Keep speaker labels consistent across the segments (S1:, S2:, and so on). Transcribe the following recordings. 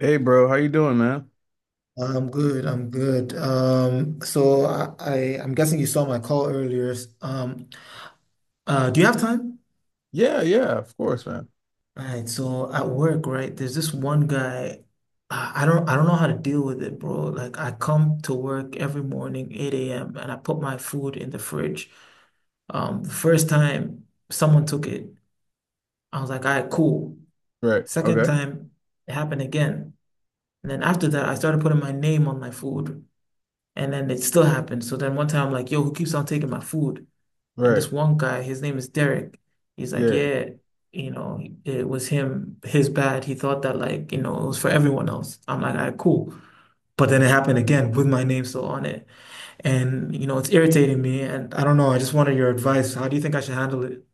S1: Hey bro, how you doing, man?
S2: I'm good. I'm good. So I'm guessing you saw my call earlier. Um, do you have time?
S1: Yeah, yeah, of course, man.
S2: All right. So at work, right? There's this one guy. I don't know how to deal with it, bro. Like I come to work every morning, 8 a.m., and I put my food in the fridge. The first time someone took it, I was like, all right, cool.
S1: Right.
S2: Second
S1: Okay.
S2: time, it happened again. And then after that, I started putting my name on my food. And then it still happened. So then one time I'm like, yo, who keeps on taking my food? And
S1: Right.
S2: this one guy, his name is Derek. He's like,
S1: Yeah.
S2: yeah, it was him, his bad. He thought that, like, it was for everyone else. I'm like, all right, cool. But then it happened again with my name still on it. And, it's irritating me. And I don't know. I just wanted your advice. How do you think I should handle it?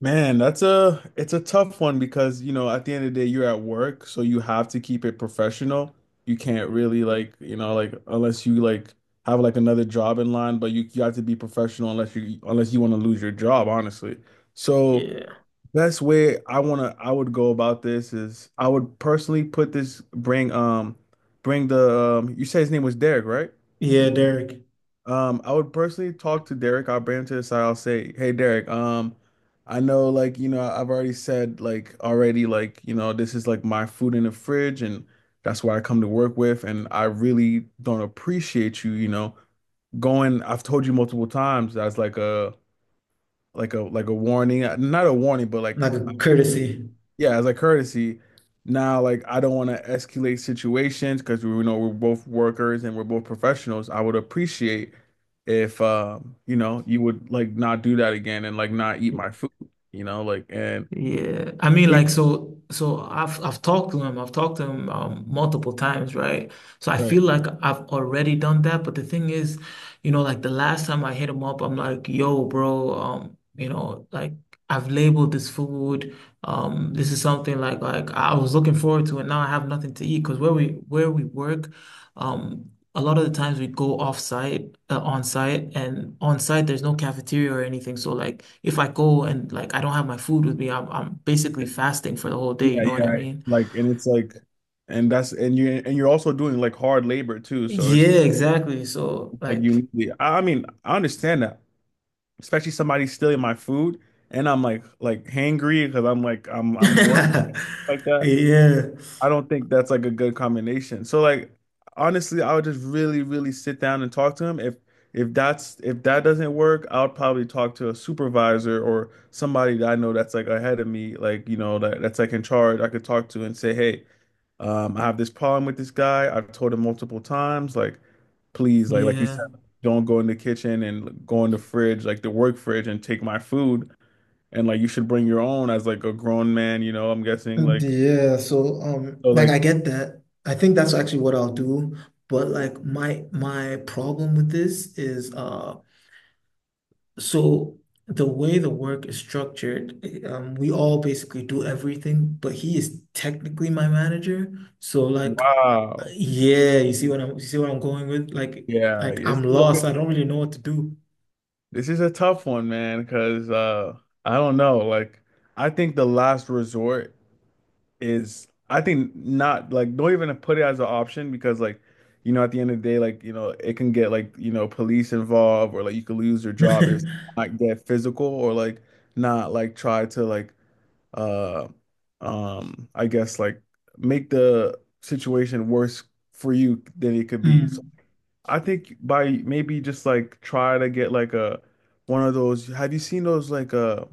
S1: Man, that's a it's a tough one because, you know, at the end of the day you're at work, so you have to keep it professional. You can't really like, you know, like unless you like have like another job in line, but you have to be professional unless you want to lose your job, honestly. So,
S2: Yeah.
S1: best way I want to I would go about this is I would personally put this bring bring the you said his name was Derek, right?
S2: Yeah, Derek.
S1: I would personally talk to Derek. I'll bring him to the side. I'll say, "Hey, Derek. I know, like, you know, I've already said, like, already, like, you know, this is like my food in the fridge, and that's what I come to work with. And I really don't appreciate you, you know, going. I've told you multiple times. That's like a, like a, like a warning. Not a warning, but like."
S2: Like a courtesy.
S1: Yeah, as a courtesy. Now, like, I don't want to escalate situations because we know we're both workers and we're both professionals. I would appreciate if, you know, you would like not do that again and like not eat my food, you know, like, and
S2: Yeah, I mean, like, so I've talked to him, I've talked to him, multiple times, right? So I
S1: right.
S2: feel like I've already done that, but the thing is, like the last time I hit him up, I'm like, "Yo, bro, like I've labeled this food, this is something like I was looking forward to, and now I have nothing to eat because where we work, um, a lot of the times we go on site, and on site there's no cafeteria or anything. So like if I go and like I don't have my food with me, I'm basically fasting for the whole
S1: Yeah,
S2: day. You know
S1: yeah,
S2: what I
S1: right.
S2: mean?
S1: Like, and it's like, and you, and you're also doing like hard labor too. So it's
S2: Yeah,
S1: just
S2: exactly. So
S1: like,
S2: like,
S1: you need, I mean, I understand that, especially somebody stealing my food. And I'm like hangry because I'm like, I'm working
S2: Yeah.
S1: like that. I don't think that's like a good combination. So like honestly, I would just really, really sit down and talk to him. If that's if that doesn't work, I'll probably talk to a supervisor or somebody that I know that's like ahead of me, like you know that's like in charge. I could talk to and say, hey, I have this problem with this guy. I've told him multiple times, like please, like you
S2: yeah,
S1: said, don't go in the kitchen and go in the fridge, like the work fridge, and take my food. And like you should bring your own as like a grown man, you know. I'm guessing like
S2: Yeah, so
S1: so
S2: like I
S1: like.
S2: get that. I think that's actually what I'll do, but like my problem with this is so the way the work is structured, we all basically do everything, but he is technically my manager. So like,
S1: Wow.
S2: yeah, you see what I'm going with?
S1: Yeah,
S2: Like
S1: this
S2: I'm
S1: is like a
S2: lost.
S1: good,
S2: I don't really know what to do.
S1: this is a tough one, man, because I don't know. Like I think the last resort is I think not like don't even put it as an option because like you know at the end of the day like you know it can get like you know police involved or like you could lose your job if not get physical or like not like try to like uh I guess like make the situation worse for you than it could be. So
S2: Mm,
S1: I think by maybe just like try to get like a one of those. Have you seen those like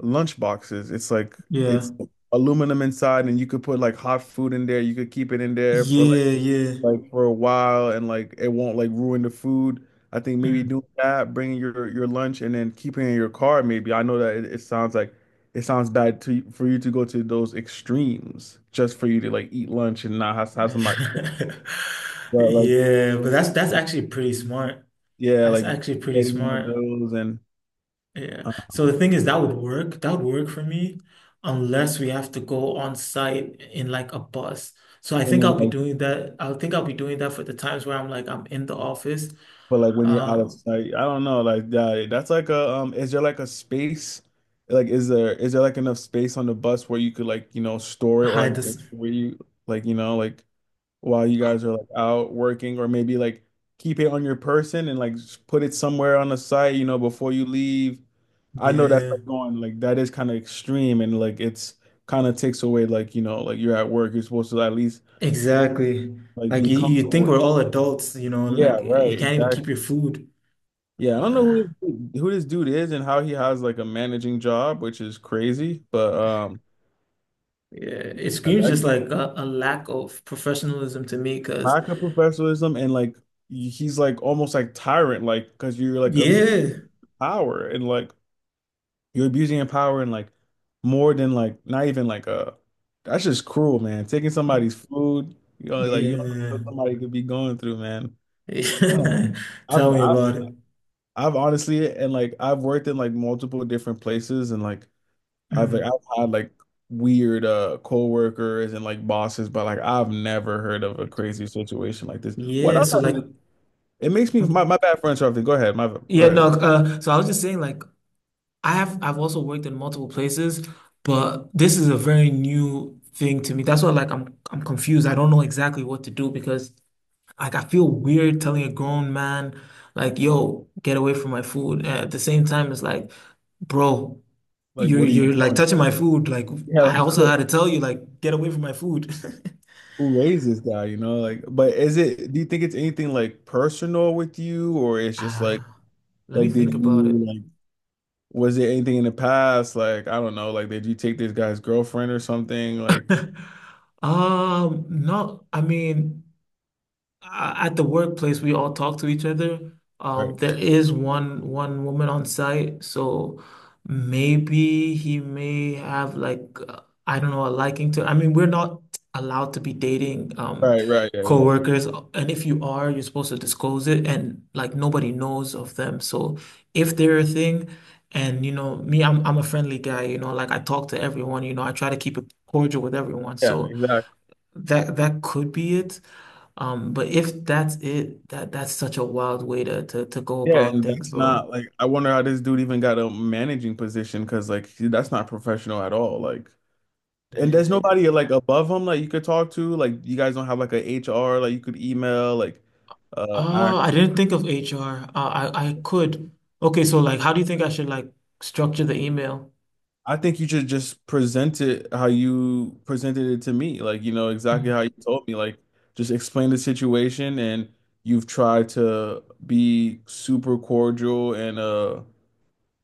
S1: lunch boxes? It's like
S2: yeah,
S1: it's aluminum inside, and you could put like hot food in there. You could keep it in there for
S2: yeah, yeah.
S1: like for a while, and like it won't like ruin the food. I think maybe
S2: Mm.
S1: doing that, bringing your lunch, and then keeping it in your car. Maybe I know it sounds like it sounds bad to for you to go to those extremes just for you to like eat lunch and not have somebody. But like
S2: Yeah, but that's actually pretty smart.
S1: yeah,
S2: That's
S1: like
S2: actually pretty
S1: getting one of
S2: smart.
S1: those
S2: Yeah.
S1: uh,
S2: So the thing is, that would work. That would work for me unless we have to go on site in like a bus. So I
S1: and
S2: think
S1: then
S2: I'll be
S1: like
S2: doing that. I think I'll be doing that for the times where I'm like I'm in the office.
S1: but like when you're out
S2: Uh,
S1: of sight, I don't know, like that's like a is there like a space? Like is there like enough space on the bus where you could like, you know, store it or
S2: Hide
S1: like
S2: this.
S1: where you like, you know, like while you guys are like out working or maybe like keep it on your person and like put it somewhere on the site, you know, before you leave. I know that's
S2: Yeah,
S1: like going like that is kind of extreme and like it's kind of takes away like, you know, like you're at work, you're supposed to at least
S2: exactly.
S1: like
S2: Like
S1: be
S2: you think
S1: comfortable.
S2: we're all adults, you know, like
S1: Yeah,
S2: you
S1: right,
S2: can't even keep your
S1: exactly.
S2: food.
S1: Yeah, I don't know
S2: Uh,
S1: who this dude is and how he has like a managing job, which is crazy. But
S2: yeah, it screams
S1: I,
S2: just like a lack of professionalism to me because
S1: lack of professionalism and like he's like almost like tyrant, like because you're like a
S2: yeah,
S1: power and like you're abusing your power and like more than like not even like a that's just cruel, man. Taking somebody's food, you know, like you don't know
S2: yeah,
S1: what somebody could be going through, man. Damn.
S2: yeah.
S1: I've
S2: Tell me
S1: I've
S2: about it.
S1: I've honestly and like I've worked in like multiple different places and like.
S2: Mm.
S1: I've had like weird coworkers and like bosses, but like I've never heard of a crazy situation like this. What
S2: Yeah, so like
S1: other it makes me my bad friend Charlie. Go ahead. My go
S2: yeah, no,
S1: ahead.
S2: so I was just saying like I've also worked in multiple places, but this is a very new thing to me. That's why like I'm confused. I don't know exactly what to do because like I feel weird telling a grown man like, "Yo, get away from my food." And at the same time it's like, "Bro,
S1: Like
S2: you're
S1: what are you
S2: you're like
S1: doing?
S2: touching my food. Like
S1: Yeah,
S2: I
S1: like
S2: also had to tell you like get away from my food."
S1: who raised this guy, you know? Like but is it do you think it's anything like personal with you or it's just
S2: Ah, let me
S1: like
S2: think
S1: did
S2: about
S1: you
S2: it.
S1: like was there anything in the past? Like, I don't know, like did you take this guy's girlfriend or something? Like
S2: No, I mean, at the workplace, we all talk to each other.
S1: right,
S2: There is one woman on site, so maybe he may have like, I don't know, a liking to. I mean, we're not allowed to be dating
S1: right, yeah, yeah.
S2: coworkers, and if you are, you're supposed to disclose it, and like nobody knows of them. So if they're a thing, and you know me, I'm a friendly guy. You know, like I talk to everyone. You know, I try to keep it cordial with everyone.
S1: Yeah,
S2: So.
S1: exactly.
S2: That that could be it. But if that's it, that that's such a wild way to go
S1: Yeah,
S2: about
S1: and
S2: things,
S1: that's
S2: bro.
S1: not like I wonder how this dude even got a managing position because like that's not professional at all. Like, and there's
S2: Yeah. yeah.
S1: nobody like above him like you could talk to. Like, you guys don't have like a HR like you could email. Like, uh, I
S2: Oh, I didn't think of HR. I could. Okay, so like, how do you think I should like structure the email?
S1: I think you should just present it how you presented it to me. Like, you know exactly how you told me. Like, just explain the situation and you've tried to be super cordial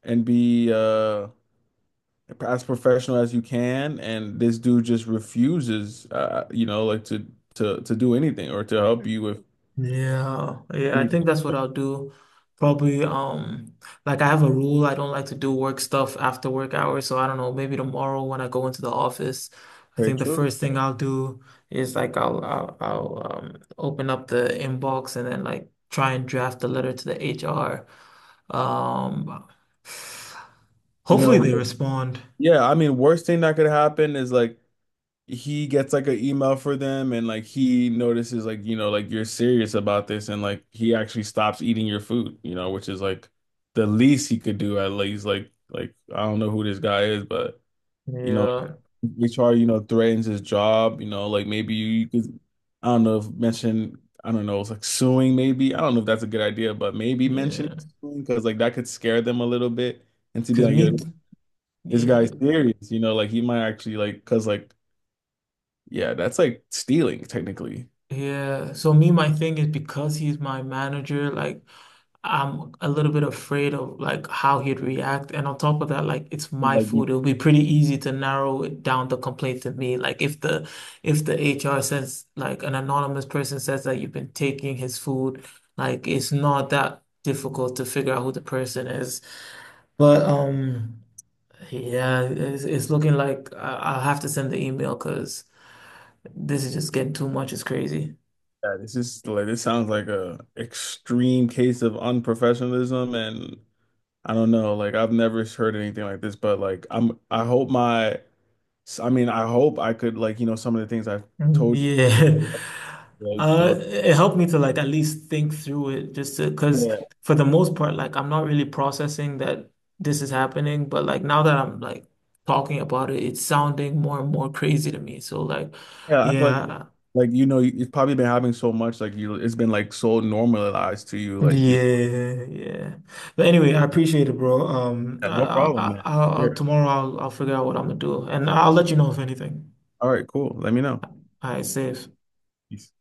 S1: and be as professional as you can, and this dude just refuses, you know, like to do anything or to help you with
S2: Yeah, yeah, I think
S1: anything.
S2: that's what I'll do. Probably, like I have a rule, I don't like to do work stuff after work hours, so I don't know, maybe tomorrow when I go into the office, I
S1: Very
S2: think the
S1: true.
S2: first thing I'll do is like I'll open up the inbox and then like try and draft a letter to the HR. Um,
S1: You
S2: hopefully
S1: know,
S2: they respond.
S1: yeah, I mean, worst thing that could happen is like he gets like an email for them, and like he notices like you know like you're serious about this, and like he actually stops eating your food, you know, which is like the least he could do at least. Like I don't know who this guy is, but. You know,
S2: Yeah,
S1: HR, you know, threatens his job, you know, like maybe you could, I don't know, if mention, I don't know, it's like suing maybe. I don't know if that's a good idea, but maybe mention
S2: yeah,
S1: suing because like that could scare them a little bit and to be
S2: because
S1: like, yo,
S2: me,
S1: this
S2: yeah.
S1: guy's serious, you know, like he might actually like, because like, yeah, that's like stealing technically.
S2: Yeah. So me, my thing is because he's my manager, like I'm a little bit afraid of like how he'd react. And on top of that, like it's my
S1: Like,
S2: food. It'll be pretty easy to narrow it down, the complaint to me. Like if the HR says like an anonymous person says that you've been taking his food, like it's not that difficult to figure out who the person is. But yeah, it's looking like I'll have to send the email because this is just getting too much. It's crazy.
S1: yeah, this is like, this sounds like a extreme case of unprofessionalism and I don't know, like I've never heard anything like this, but like I hope so, I mean, I hope I could like, you know, some of the things I've
S2: Mm,
S1: told you,
S2: yeah.
S1: like, you know,
S2: It helped me to like at least think through it just to, because
S1: yeah,
S2: for the most part, like I'm not really processing that this is happening, but like now that I'm like talking about it, it's sounding more and more crazy to me. So like,
S1: yeah, I feel
S2: yeah.
S1: like you know, you've probably been having so much, like you it's been like so normalized to you, like, you know,
S2: Yeah, yeah. But anyway, I appreciate it, bro.
S1: yeah, no problem, man.
S2: I'll, I'll
S1: Sure.
S2: tomorrow I'll figure out what I'm gonna do, and I'll let you know if anything.
S1: All right, cool. Let me know.
S2: All right, safe.
S1: Peace.